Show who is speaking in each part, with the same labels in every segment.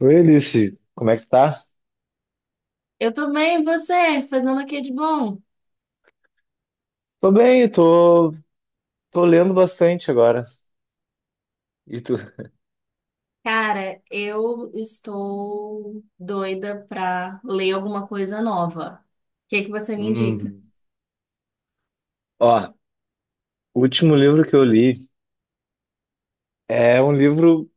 Speaker 1: Oi, Alice, como é que tá?
Speaker 2: Eu tô bem, e você? Fazendo o que de bom?
Speaker 1: Tô bem, tô lendo bastante agora. E tu?
Speaker 2: Cara, eu estou doida pra ler alguma coisa nova. O que que você me indica?
Speaker 1: Hum. Ó, o último livro que eu li é um livro,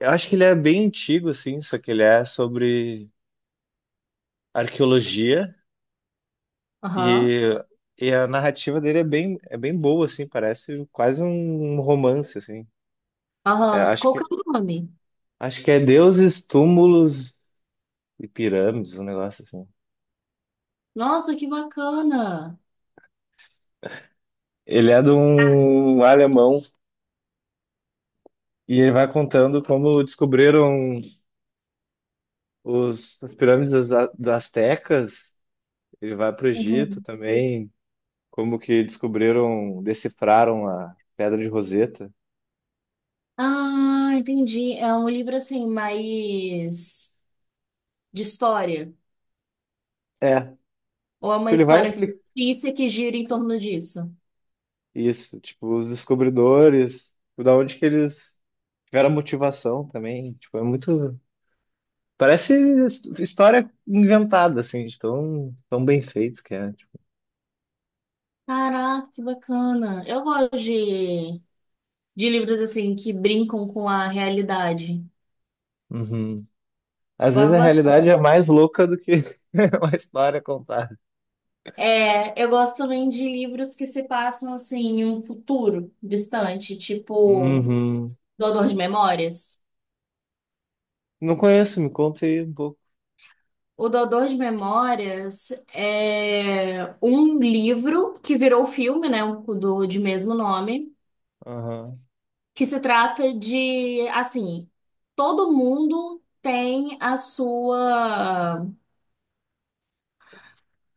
Speaker 1: eu acho que ele é bem antigo, assim, só que ele é sobre arqueologia
Speaker 2: Aham,
Speaker 1: e, e a narrativa dele é é bem boa, assim, parece quase um romance, assim. É,
Speaker 2: aham.
Speaker 1: acho
Speaker 2: Qual
Speaker 1: que,
Speaker 2: que é o nome?
Speaker 1: acho que é Deuses, Túmulos e Pirâmides, um negócio assim.
Speaker 2: Nossa, que bacana!
Speaker 1: Ele é de um alemão e ele vai contando como descobriram as pirâmides das Astecas, ele vai para o Egito
Speaker 2: Uhum.
Speaker 1: também, como que descobriram, decifraram a Pedra de Roseta.
Speaker 2: Ah, entendi. É um livro assim, mais de história.
Speaker 1: É,
Speaker 2: Ou é uma
Speaker 1: tipo, ele vai
Speaker 2: história
Speaker 1: explicar
Speaker 2: fictícia que gira em torno disso?
Speaker 1: isso, tipo, os descobridores, tipo, da onde que eles tiveram a motivação também, tipo, é muito... Parece história inventada, assim, de tão bem feito que é. Tipo,
Speaker 2: Caraca, que bacana. Eu gosto de livros assim que brincam com a realidade.
Speaker 1: uhum. Às vezes
Speaker 2: Gosto
Speaker 1: a
Speaker 2: bastante.
Speaker 1: realidade é mais louca do que uma história contada.
Speaker 2: É, eu gosto também de livros que se passam assim em um futuro distante, tipo
Speaker 1: Uhum.
Speaker 2: Doador de Memórias.
Speaker 1: Não conheço, me conta aí um pouco.
Speaker 2: O Doador de Memórias é um livro que virou filme, né, do de mesmo nome, que se trata de assim, todo mundo tem a sua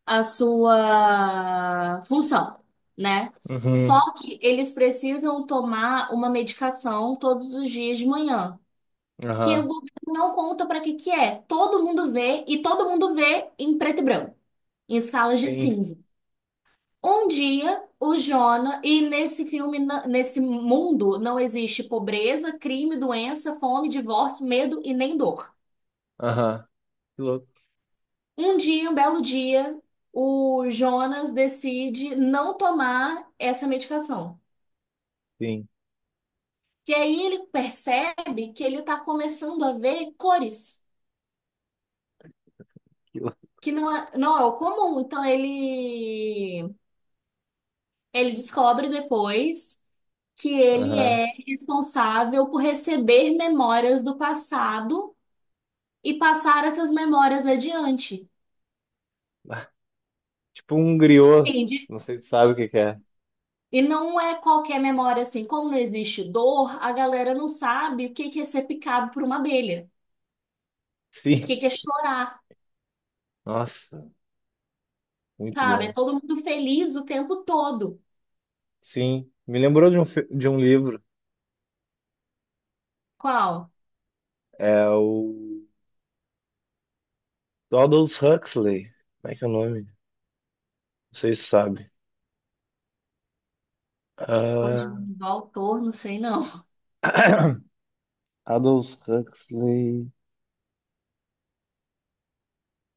Speaker 2: a sua função, né?
Speaker 1: Uhum.
Speaker 2: Só que eles precisam tomar uma medicação todos os dias de manhã, que o
Speaker 1: Aham.
Speaker 2: governo não conta para que que é. Todo mundo vê e todo mundo vê em preto e branco, em escalas de
Speaker 1: Sim.
Speaker 2: cinza. Um dia, o Jonah, e nesse filme, nesse mundo, não existe pobreza, crime, doença, fome, divórcio, medo e nem dor.
Speaker 1: Aham. Que louco.
Speaker 2: Um dia, um belo dia, o Jonas decide não tomar essa medicação.
Speaker 1: Sim.
Speaker 2: E aí ele percebe que ele está começando a ver cores,
Speaker 1: Que louco.
Speaker 2: que não é o comum. Então ele descobre depois que ele
Speaker 1: Aham.
Speaker 2: é responsável por receber memórias do passado e passar essas memórias adiante.
Speaker 1: Ah, tipo um griot.
Speaker 2: Sim.
Speaker 1: Não sei se sabe o que que é.
Speaker 2: E não é qualquer memória assim. Como não existe dor, a galera não sabe o que que é ser picado por uma abelha, o
Speaker 1: Sim.
Speaker 2: que que é chorar,
Speaker 1: Nossa, muito
Speaker 2: sabe?
Speaker 1: bom.
Speaker 2: É todo mundo feliz o tempo todo.
Speaker 1: Sim. Me lembrou de de um livro.
Speaker 2: Qual?
Speaker 1: É o do Aldous Huxley. Como é que é o nome? Não sei se sabe.
Speaker 2: Pode
Speaker 1: Ah,
Speaker 2: mudar o autor, não sei não.
Speaker 1: Aldous Huxley.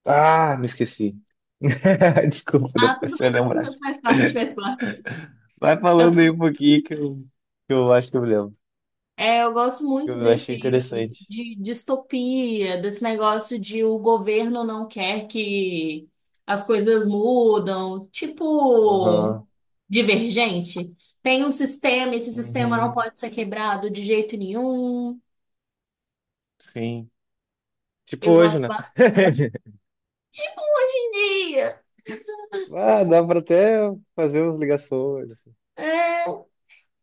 Speaker 1: Ah, me esqueci. Desculpa,
Speaker 2: Ah,
Speaker 1: depois
Speaker 2: tudo
Speaker 1: se eu
Speaker 2: bem,
Speaker 1: lembrar.
Speaker 2: faz parte, faz parte.
Speaker 1: Vai
Speaker 2: Eu
Speaker 1: falando aí um
Speaker 2: tô.
Speaker 1: pouquinho que eu acho que eu me lembro.
Speaker 2: É, eu gosto
Speaker 1: Que
Speaker 2: muito
Speaker 1: eu achei
Speaker 2: desse
Speaker 1: interessante.
Speaker 2: de distopia, desse negócio de o governo não quer que as coisas mudam, tipo
Speaker 1: Aham.
Speaker 2: divergente. Tem um sistema, esse sistema não
Speaker 1: Uhum.
Speaker 2: pode ser quebrado de jeito nenhum.
Speaker 1: Sim. Tipo
Speaker 2: Eu
Speaker 1: hoje,
Speaker 2: gosto
Speaker 1: né?
Speaker 2: bastante. Tipo um dia,
Speaker 1: Ah, dá pra até fazer umas ligações.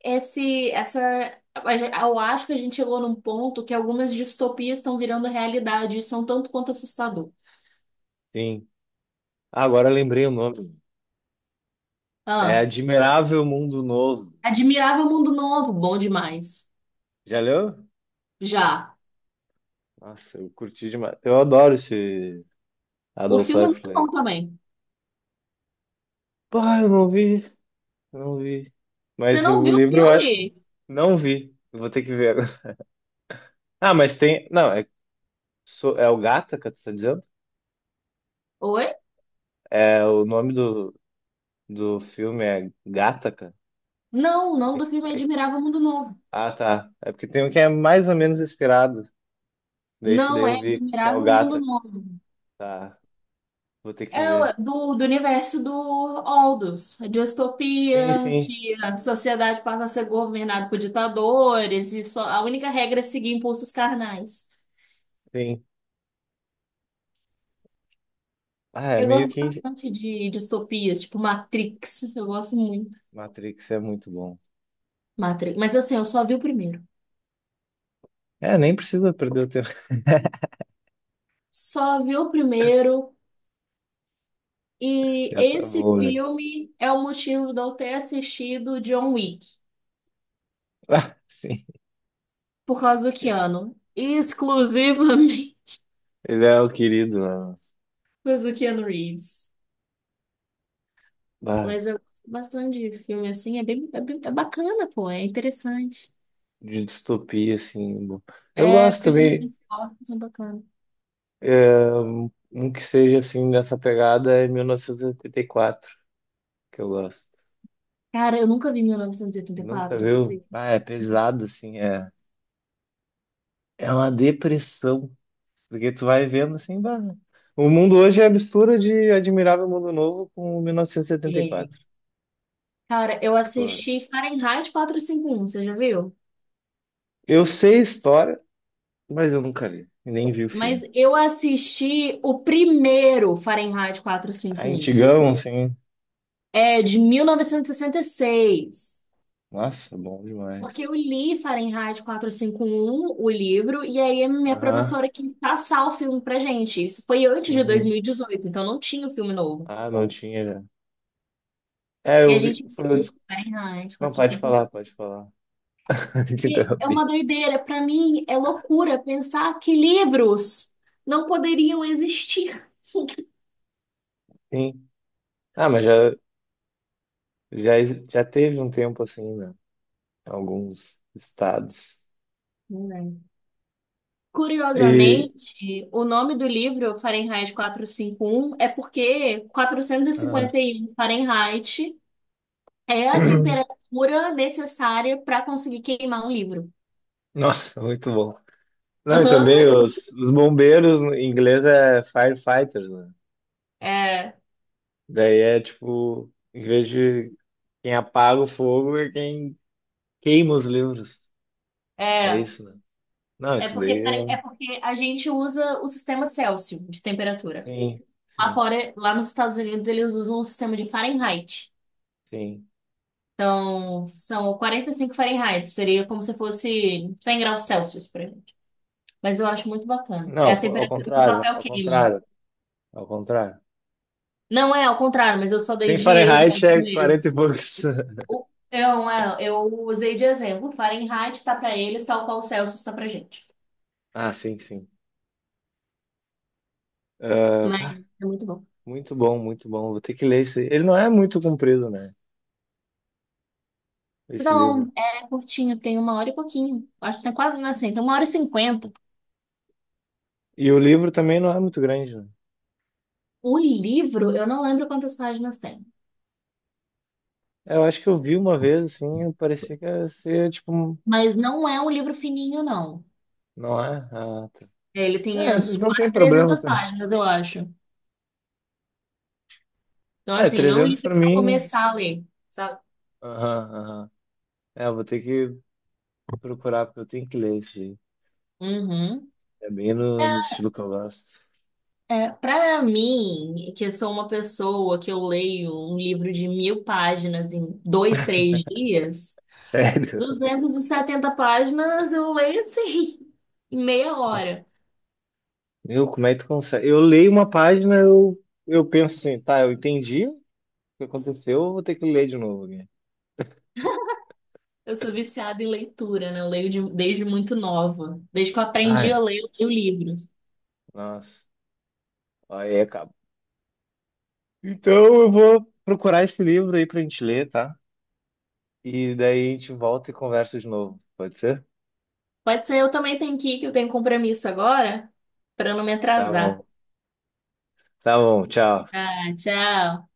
Speaker 2: esse, essa, a gen- eu acho que a gente chegou num ponto que algumas distopias estão virando realidade e são tanto quanto assustador.
Speaker 1: Sim. Ah, agora eu lembrei o nome. É
Speaker 2: Ah,
Speaker 1: Admirável Mundo Novo.
Speaker 2: admirava o mundo novo, bom demais.
Speaker 1: Já leu?
Speaker 2: Já.
Speaker 1: Nossa, eu curti demais. Eu adoro esse
Speaker 2: O
Speaker 1: Aldous
Speaker 2: filme é muito bom
Speaker 1: Huxley.
Speaker 2: também.
Speaker 1: Pá, eu não vi.
Speaker 2: Você
Speaker 1: Mas
Speaker 2: não
Speaker 1: o
Speaker 2: viu o
Speaker 1: livro eu acho.
Speaker 2: filme?
Speaker 1: Não vi. Eu vou ter que ver agora. Ah, mas tem. Não, é, so- é o Gattaca, tu tá dizendo?
Speaker 2: Oi?
Speaker 1: É, o nome do filme é Gattaca.
Speaker 2: Não, o nome
Speaker 1: É,
Speaker 2: do filme é
Speaker 1: é
Speaker 2: Admirável Mundo Novo.
Speaker 1: Ah, tá. É porque tem um que é mais ou menos inspirado. Desse daí
Speaker 2: Não é
Speaker 1: eu vi que é o
Speaker 2: Admirável Mundo
Speaker 1: Gata.
Speaker 2: Novo.
Speaker 1: Tá, vou ter que
Speaker 2: É o-
Speaker 1: ver.
Speaker 2: do, do universo do Aldous, a
Speaker 1: Sim,
Speaker 2: distopia,
Speaker 1: sim,
Speaker 2: que a sociedade passa a ser governada por ditadores e só, a única regra é seguir impulsos carnais.
Speaker 1: sim. Ah, é
Speaker 2: Eu
Speaker 1: meio
Speaker 2: gosto
Speaker 1: que
Speaker 2: bastante de distopias, tipo Matrix. Eu gosto muito.
Speaker 1: Matrix é muito bom.
Speaker 2: Matrix. Mas assim, eu só vi o primeiro.
Speaker 1: É, nem precisa perder o tempo.
Speaker 2: Só vi o primeiro E
Speaker 1: Já tá
Speaker 2: esse
Speaker 1: bom, já.
Speaker 2: filme é o motivo de eu ter assistido John Wick,
Speaker 1: Ah, sim.
Speaker 2: por causa do Keanu. Exclusivamente
Speaker 1: Ele é o querido, né?
Speaker 2: por causa do Keanu Reeves.
Speaker 1: Ah,
Speaker 2: Mas eu gosto bastante de filme assim, é bacana, pô, é interessante.
Speaker 1: de distopia, assim. Bom. Eu
Speaker 2: É,
Speaker 1: gosto
Speaker 2: filme de
Speaker 1: também.
Speaker 2: esporte são bacana.
Speaker 1: É, um que seja assim, nessa pegada é 1984 que eu gosto.
Speaker 2: Cara, eu nunca vi
Speaker 1: Nunca
Speaker 2: 1984, você
Speaker 1: viu?
Speaker 2: acredita?
Speaker 1: Ah, é pesado, assim. É, é uma depressão. Porque tu vai vendo assim, bah, né? O mundo hoje é a mistura de Admirável Mundo Novo com
Speaker 2: É.
Speaker 1: 1974.
Speaker 2: Cara, eu
Speaker 1: Tipo,
Speaker 2: assisti Fahrenheit 451, você já viu?
Speaker 1: eu sei a história, mas eu nunca li, e nem vi o
Speaker 2: Mas
Speaker 1: filme.
Speaker 2: eu assisti o primeiro Fahrenheit
Speaker 1: Ah,
Speaker 2: 451.
Speaker 1: antigão, assim.
Speaker 2: É de 1966.
Speaker 1: Nossa, bom demais.
Speaker 2: Porque eu li Fahrenheit 451, o livro, e aí a minha
Speaker 1: Aham.
Speaker 2: professora quis passar o filme pra gente. Isso foi antes de
Speaker 1: Uhum.
Speaker 2: 2018, então não tinha o filme novo.
Speaker 1: Ah, não tinha já. É,
Speaker 2: E
Speaker 1: eu
Speaker 2: a
Speaker 1: vi.
Speaker 2: gente viu Fahrenheit
Speaker 1: Não, pode
Speaker 2: 451.
Speaker 1: pode falar.
Speaker 2: E 51.
Speaker 1: Te
Speaker 2: E é uma
Speaker 1: interrompi.
Speaker 2: doideira, pra mim é loucura pensar que livros não poderiam existir.
Speaker 1: Sim. Ah, mas já teve um tempo assim, né? Em alguns estados.
Speaker 2: Né?
Speaker 1: E.
Speaker 2: Curiosamente, o nome do livro, Fahrenheit 451, é porque
Speaker 1: Ah,
Speaker 2: 451 Fahrenheit é a temperatura necessária para conseguir queimar um livro.
Speaker 1: nossa, muito bom. Não, e
Speaker 2: Uhum.
Speaker 1: também os bombeiros em inglês é firefighters, né?
Speaker 2: É,
Speaker 1: Daí é tipo, em vez de quem apaga o fogo é quem queima os livros. É
Speaker 2: é.
Speaker 1: isso, né? Não,
Speaker 2: É
Speaker 1: isso daí
Speaker 2: porque,
Speaker 1: é.
Speaker 2: pare- é
Speaker 1: Um,
Speaker 2: porque a gente usa o sistema Celsius de temperatura.
Speaker 1: Sim,
Speaker 2: Lá
Speaker 1: sim,
Speaker 2: fora, lá nos Estados Unidos, eles usam o sistema de Fahrenheit.
Speaker 1: sim.
Speaker 2: Então, são 45 Fahrenheit. Seria como se fosse 100 graus Celsius, por exemplo. Mas eu acho muito bacana. É
Speaker 1: Não,
Speaker 2: a temperatura que o papel queima.
Speaker 1: ao contrário.
Speaker 2: Não é ao contrário, mas eu só dei
Speaker 1: Sem
Speaker 2: de
Speaker 1: Fahrenheit
Speaker 2: exemplo
Speaker 1: é
Speaker 2: mesmo.
Speaker 1: 40 e poucos.
Speaker 2: Eu usei de exemplo. Fahrenheit tá pra eles, tal qual Celsius tá pra gente.
Speaker 1: Ah, sim. Ah,
Speaker 2: Mas
Speaker 1: pá,
Speaker 2: é muito bom.
Speaker 1: muito bom. Vou ter que ler esse. Ele não é muito comprido, né? Esse livro.
Speaker 2: Não, é curtinho, tem uma hora e pouquinho. Acho que tem quase, assim, tem 1h50.
Speaker 1: E o livro também não é muito grande, né?
Speaker 2: O livro, eu não lembro quantas páginas tem.
Speaker 1: Eu acho que eu vi uma vez, assim, parecia que ia ser, tipo, um-
Speaker 2: Mas não é um livro fininho, não.
Speaker 1: não é? Ah, tá.
Speaker 2: Ele tem
Speaker 1: É,
Speaker 2: as
Speaker 1: não tem
Speaker 2: quase
Speaker 1: problema.
Speaker 2: 300
Speaker 1: Tá?
Speaker 2: páginas, eu acho. Então,
Speaker 1: É,
Speaker 2: assim, não é um
Speaker 1: 300
Speaker 2: livro
Speaker 1: pra
Speaker 2: pra
Speaker 1: mim.
Speaker 2: começar a ler, sabe?
Speaker 1: Aham, aham. É, eu vou ter que procurar, porque eu tenho que ler isso aí.
Speaker 2: Uhum.
Speaker 1: É bem
Speaker 2: É,
Speaker 1: no estilo que eu gosto.
Speaker 2: é, para mim, que eu sou uma pessoa que eu leio um livro de 1.000 páginas em 2, 3 dias,
Speaker 1: Sério.
Speaker 2: 270 páginas eu leio assim, em meia hora.
Speaker 1: Meu, como é que tu consegue? Eu leio uma eu penso assim, tá, eu entendi o que aconteceu, eu vou ter que ler de novo aqui.
Speaker 2: Eu sou viciada em leitura, né? Eu leio desde muito nova. Desde que eu aprendi
Speaker 1: Ai,
Speaker 2: a ler, eu leio livros.
Speaker 1: nossa. Aí acaba. Então eu vou procurar esse livro aí pra gente ler, tá? E daí a gente volta e conversa de novo. Pode ser?
Speaker 2: Pode ser, eu também tenho que ir, que eu tenho compromisso agora, para não me
Speaker 1: Tá
Speaker 2: atrasar.
Speaker 1: bom. Tá bom, tchau.
Speaker 2: Ah, tchau.